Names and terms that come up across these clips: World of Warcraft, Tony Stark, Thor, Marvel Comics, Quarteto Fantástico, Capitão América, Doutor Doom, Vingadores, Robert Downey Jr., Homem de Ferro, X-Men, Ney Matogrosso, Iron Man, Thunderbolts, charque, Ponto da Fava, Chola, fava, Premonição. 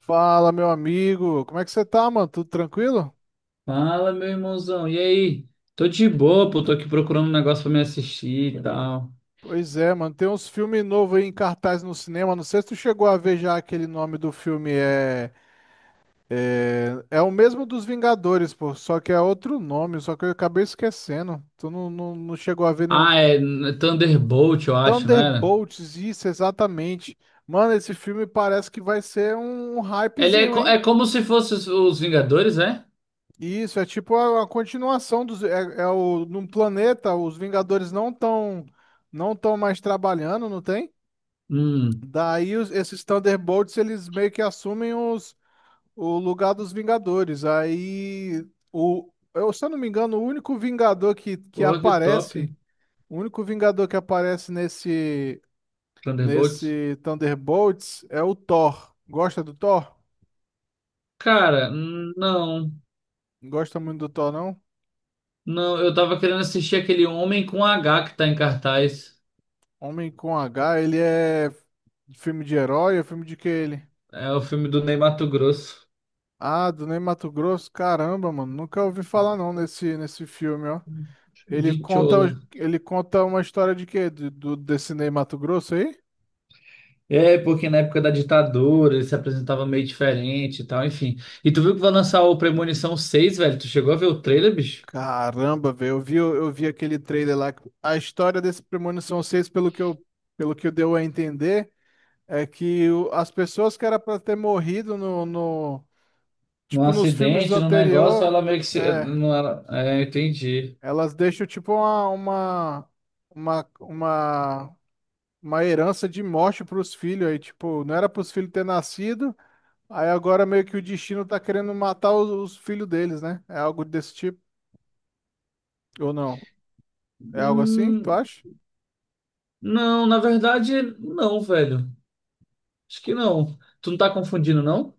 Fala, meu amigo. Como é que você tá, mano? Tudo tranquilo? Fala, meu irmãozão. E aí? Tô de boa, pô. Tô aqui procurando um negócio pra me assistir e tal. Pois é, mano. Tem uns filmes novos aí em cartaz no cinema. Não sei se tu chegou a ver já aquele nome do filme. É o mesmo dos Vingadores, pô. Só que é outro nome. Só que eu acabei esquecendo. Tu não chegou a ver nenhum. Ah, é Thunderbolt, eu acho, não era? Thunderbolts, isso, exatamente. Mano, esse filme parece que vai ser um Ele é, hypezinho, é hein? como se fosse os Vingadores, é? Isso, é tipo a continuação dos. Num planeta, os Vingadores não estão mais trabalhando, não tem? Hum, Daí esses Thunderbolts, eles meio que assumem o lugar dos Vingadores. Se eu não me engano, o único Vingador que pô, que top. aparece, o único Vingador que aparece nesse, Thunderbolts. nesse Thunderbolts é o Thor. Gosta do Thor? Cara, não. Não gosta muito do Thor, não? Não, eu tava querendo assistir aquele Homem com H que tá em cartaz. Homem com H, ele é filme de herói? É filme de que ele? É o filme do Ney Matogrosso, Ah, do Ney Matogrosso? Caramba, mano, nunca ouvi falar não nesse filme, ó. Ele de conta, Chola. ele conta uma história de quê? Desse Ney Matogrosso aí? É, porque na época da ditadura ele se apresentava meio diferente e tal, enfim. E tu viu que vai lançar o Premonição 6, velho? Tu chegou a ver o trailer, bicho? Caramba, velho, eu vi aquele trailer lá. A história desse Premonição 6, pelo que deu a entender, é que as pessoas que era pra ter morrido no, no, Num tipo, nos filmes acidente, num negócio, anterior, ela meio que se. é, Não, ela, é, entendi. elas deixam tipo uma, uma, uma herança de morte para os filhos aí, tipo, não era para os filhos ter nascido, aí agora meio que o destino tá querendo matar os filhos deles, né? É algo desse tipo, ou não? É algo assim, tu Hum, acha? não, na verdade, não, velho. Acho que não. Tu não tá confundindo, não?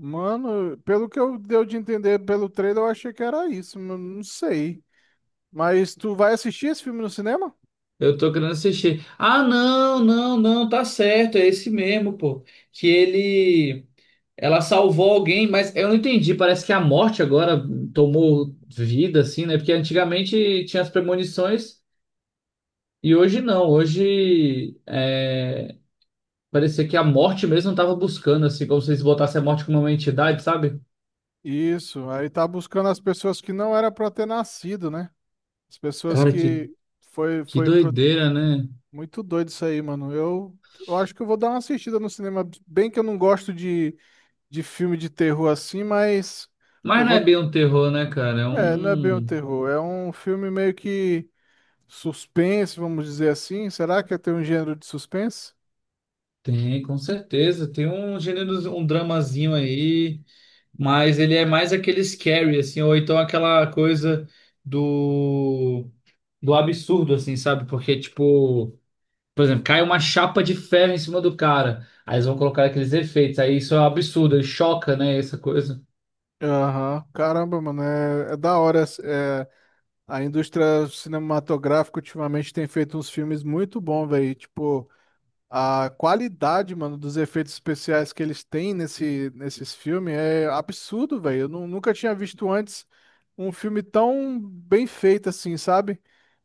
Mano, pelo que eu deu de entender pelo trailer, eu achei que era isso, mas não sei. Mas tu vai assistir esse filme no cinema? Eu tô querendo assistir. Ah, não, não, não, tá certo, é esse mesmo, pô. Que ele. Ela salvou alguém, mas eu não entendi. Parece que a morte agora tomou vida, assim, né? Porque antigamente tinha as premonições e hoje não. Hoje é, parecia que a morte mesmo estava buscando, assim, como se eles botassem a morte como uma entidade, sabe? Isso, aí tá buscando as pessoas que não era para ter nascido, né? As pessoas Cara, que que foi pro- doideira, né? Muito doido isso aí, mano. Eu acho que eu vou dar uma assistida no cinema. Bem que eu não gosto de filme de terror assim, mas Mas eu não é vou. bem um terror, né, cara? É É, não é bem um um. terror. É um filme meio que suspense, vamos dizer assim. Será que tem um gênero de suspense? Tem, com certeza. Tem um gênero, um dramazinho aí, mas ele é mais aquele scary, assim, ou então aquela coisa do do absurdo, assim, sabe? Porque, tipo, por exemplo, cai uma chapa de ferro em cima do cara. Aí eles vão colocar aqueles efeitos. Aí isso é um absurdo, choca, né? Essa coisa. Aham. Caramba, mano. É, da hora. É, a indústria cinematográfica ultimamente tem feito uns filmes muito bons, velho. Tipo. A qualidade, mano, dos efeitos especiais que eles têm nesses filmes é absurdo, velho. Eu nunca tinha visto antes um filme tão bem feito assim, sabe?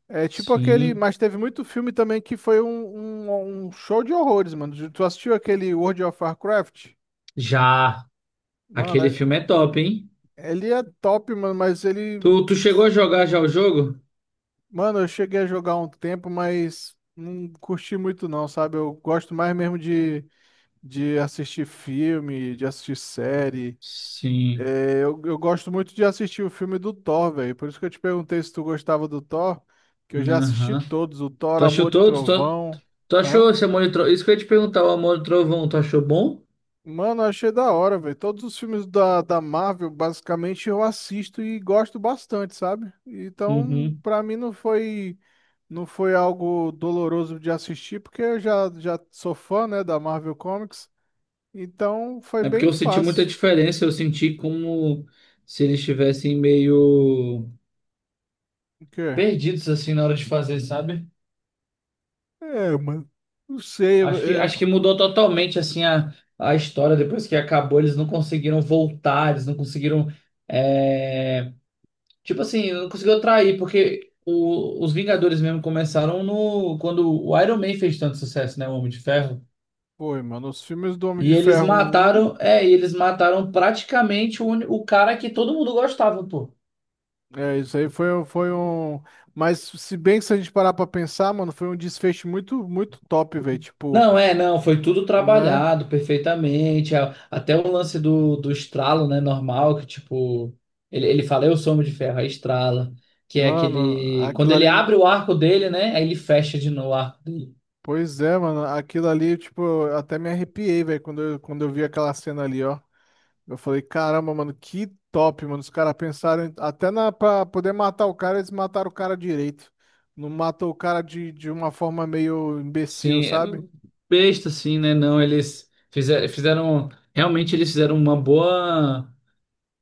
É tipo aquele. Sim. Mas teve muito filme também que foi um show de horrores, mano. Tu assistiu aquele World of Warcraft? Já. Mano, Aquele filme é top, hein? ele é top, mano, mas Tu, ele. tu chegou a jogar já o jogo? Mano, eu cheguei a jogar um tempo, mas não curti muito, não, sabe? Eu gosto mais mesmo de assistir filme, de assistir série. Sim. É, eu gosto muito de assistir o filme do Thor, velho. Por isso que eu te perguntei se tu gostava do Thor, que eu já assisti Aham. todos, o Thor, Tu achou Amor e todos? Tu, Trovão. tu Hã? achou esse Amor e Trovão? Isso que eu ia te perguntar, o Amor e Trovão, tu achou bom? Mano, eu achei da hora, velho. Todos os filmes da Marvel, basicamente, eu assisto e gosto bastante, sabe? Então, Uhum. pra mim não foi algo doloroso de assistir, porque eu já sou fã, né, da Marvel Comics. Então, foi É porque bem eu senti muita fácil. diferença, eu senti como se eles estivessem meio O quê? perdidos assim na hora de fazer, sabe? É, mano. Não sei. Acho que mudou totalmente assim a história depois que acabou. Eles não conseguiram voltar, eles não conseguiram. é, Tipo assim, não conseguiram atrair, porque os Vingadores mesmo começaram no quando o Iron Man fez tanto sucesso, né? O Homem de Ferro. Foi, mano. Os filmes do Homem de E eles Ferro um, mataram, é, e eles mataram praticamente o cara que todo mundo gostava, pô. é, isso aí foi um. Mas se bem que se a gente parar pra pensar, mano, foi um desfecho muito, muito top, velho. Tipo, Não, é, não, foi tudo né? trabalhado perfeitamente. Até o lance do estralo, né, normal, que tipo, ele fala, eu sou homem de ferro, aí estrala. Que é Mano, aquele. Quando aquilo ele ali. abre o arco dele, né? Aí ele fecha de novo o arco dele. Pois é, mano. Aquilo ali, tipo, eu até me arrepiei, velho, quando eu vi aquela cena ali, ó. Eu falei, caramba, mano, que top, mano. Os caras pensaram até na, pra poder matar o cara, eles mataram o cara direito. Não matou o cara de uma forma meio imbecil, Sim, é sabe? besta, assim, né? Não, fizeram. Realmente eles fizeram uma boa.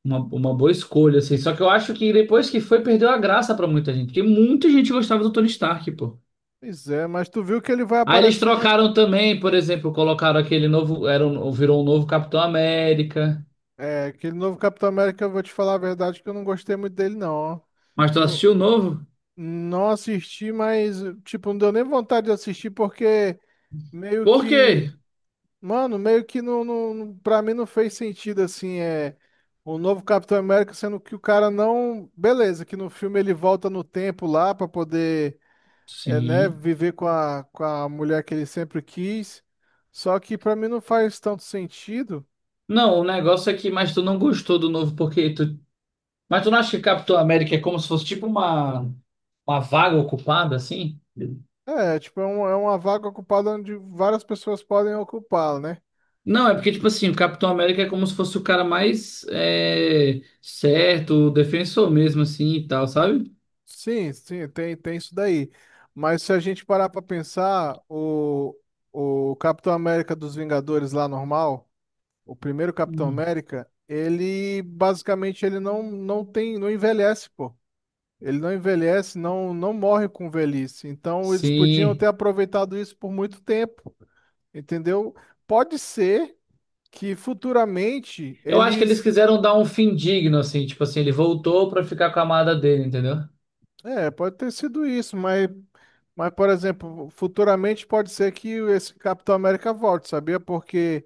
Uma boa escolha, assim. Só que eu acho que depois que foi, perdeu a graça pra muita gente. Porque muita gente gostava do Tony Stark, pô. Pois é, mas tu viu que ele vai Aí eles aparecer na. trocaram também, por exemplo, colocaram aquele novo, virou um novo Capitão América. É, aquele novo Capitão América, eu vou te falar a verdade que eu não gostei muito dele, não. Ó. Mas tu Não, assistiu o novo? não assisti, mas, tipo, não deu nem vontade de assistir, porque meio Por quê? que. Mano, meio que pra mim não fez sentido, assim, é. O novo Capitão América, sendo que o cara não. Beleza, que no filme ele volta no tempo lá pra poder, é, né, Sim. viver com a mulher que ele sempre quis. Só que pra mim não faz tanto sentido. Não, o negócio é que, mas tu não gostou do novo porque tu, mas tu não acha que Capitão América é como se fosse tipo uma vaga ocupada assim? É, tipo, é uma vaga ocupada onde várias pessoas podem ocupá-la, né? Não, é porque tipo assim, o Capitão América é como se fosse o cara mais é, certo, o defensor mesmo assim e tal, sabe? Sim, sim, tem, tem isso daí. Mas se a gente parar pra pensar, o Capitão América dos Vingadores lá normal, o primeiro Capitão Hum. América, ele basicamente ele não tem, não envelhece, pô. Ele não envelhece, não, não morre com velhice. Então eles podiam Sim. ter aproveitado isso por muito tempo, entendeu? Pode ser que futuramente Eu acho que eles eles quiseram dar um fim digno, assim, tipo assim, ele voltou pra ficar com a amada dele, entendeu? é, pode ter sido isso, mas, por exemplo, futuramente pode ser que esse Capitão América volte, sabia? Porque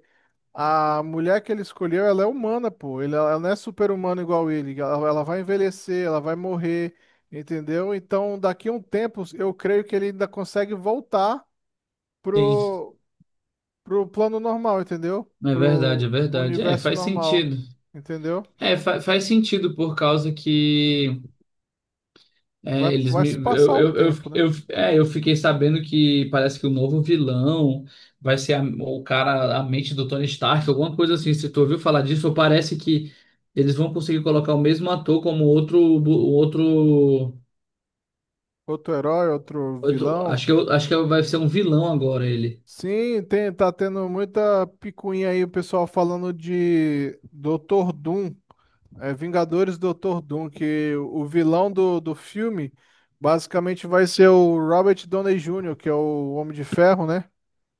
a mulher que ele escolheu, ela é humana, pô. Ela não é super-humana igual ele. Ela vai envelhecer, ela vai morrer, entendeu? Então, daqui a um tempo, eu creio que ele ainda consegue voltar Sim. pro, pro plano normal, entendeu? É verdade, é Pro verdade. É, universo faz normal, sentido. entendeu? É, faz sentido por causa que é, eles Vai me. se passar o tempo, né? Eu fiquei sabendo que parece que o novo vilão vai ser o cara, a mente do Tony Stark, alguma coisa assim. Se tu ouviu falar disso, ou parece que eles vão conseguir colocar o mesmo ator como outro. Outro, Outro herói, outro outro vilão. Acho que vai ser um vilão agora ele. Sim, tem, tá tendo muita picuinha aí, o pessoal falando de Doutor Doom, é, Vingadores Doutor Doom, que o vilão do filme basicamente vai ser o Robert Downey Jr., que é o Homem de Ferro, né?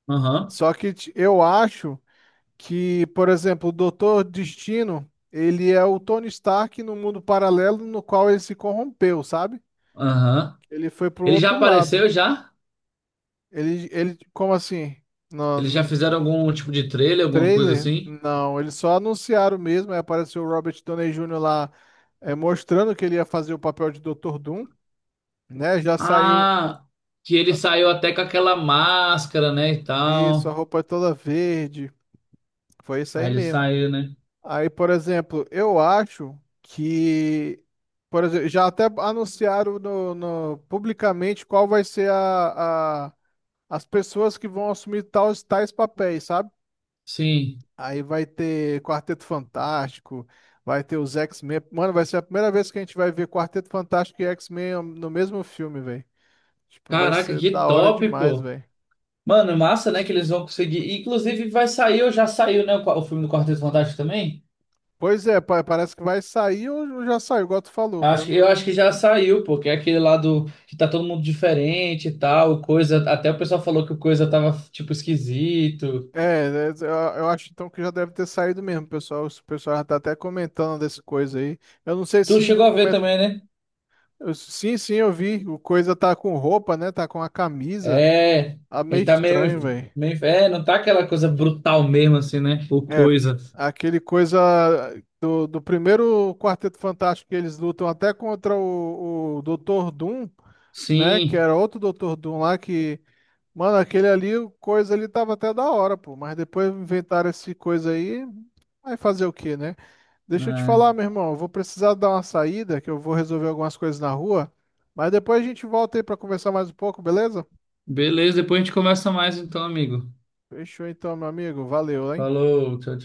Aham. Só que eu acho que, por exemplo, o Doutor Destino, ele é o Tony Stark no mundo paralelo no qual ele se corrompeu, sabe? Aham. Ele foi pro Ele já outro lado. apareceu já? Ele, como assim? Eles já fizeram algum tipo de trailer, alguma coisa Trailer? assim? Não, eles só anunciaram mesmo. Aí apareceu o Robert Downey Jr. lá é, mostrando que ele ia fazer o papel de Dr. Doom, né? Já saiu Ah, que ele saiu até com aquela máscara, né, e isso, a tal. roupa é toda verde. Foi isso aí Aí ele mesmo. saiu, né? Aí, por exemplo, eu acho que. Por exemplo, já até anunciaram publicamente qual vai ser as pessoas que vão assumir tais papéis, sabe? Sim. Aí vai ter Quarteto Fantástico, vai ter os X-Men. Mano, vai ser a primeira vez que a gente vai ver Quarteto Fantástico e X-Men no mesmo filme, velho. Tipo, vai Caraca, ser que da hora top, demais, pô. velho. Mano, massa, né, que eles vão conseguir. Inclusive vai sair, ou já saiu, né, o, o filme do Quarteto Fantástico também? Pois é, parece que vai sair ou já saiu, igual tu falou, Eu acho, mano. eu Eu- acho que já saiu, pô, que é aquele lá do que tá todo mundo diferente e tal, o coisa, até o pessoal falou que o coisa tava tipo esquisito. É, é, eu eu acho então que já deve ter saído mesmo, pessoal. O pessoal já tá até comentando dessa coisa aí. Eu não sei Tu se chegou a ver coment... também, né? eu- Sim, sim, eu vi. O coisa tá com roupa, né? Tá com a camisa. É, Tá meio ele tá meio, estranho, velho. meio. É, não tá aquela coisa brutal mesmo, assim, né? Ou É, coisa. aquele coisa do primeiro Quarteto Fantástico que eles lutam até contra o Doutor Doom, né? Que Sim, era outro Doutor Doom lá que. Mano, aquele ali, o coisa ali tava até da hora, pô. Mas depois inventaram esse coisa aí. Vai fazer o quê, né? Deixa eu te é. falar, meu irmão. Eu vou precisar dar uma saída, que eu vou resolver algumas coisas na rua. Mas depois a gente volta aí pra conversar mais um pouco, beleza? Beleza, depois a gente conversa mais então, amigo. Fechou então, meu amigo. Valeu, hein? Falou, tchau,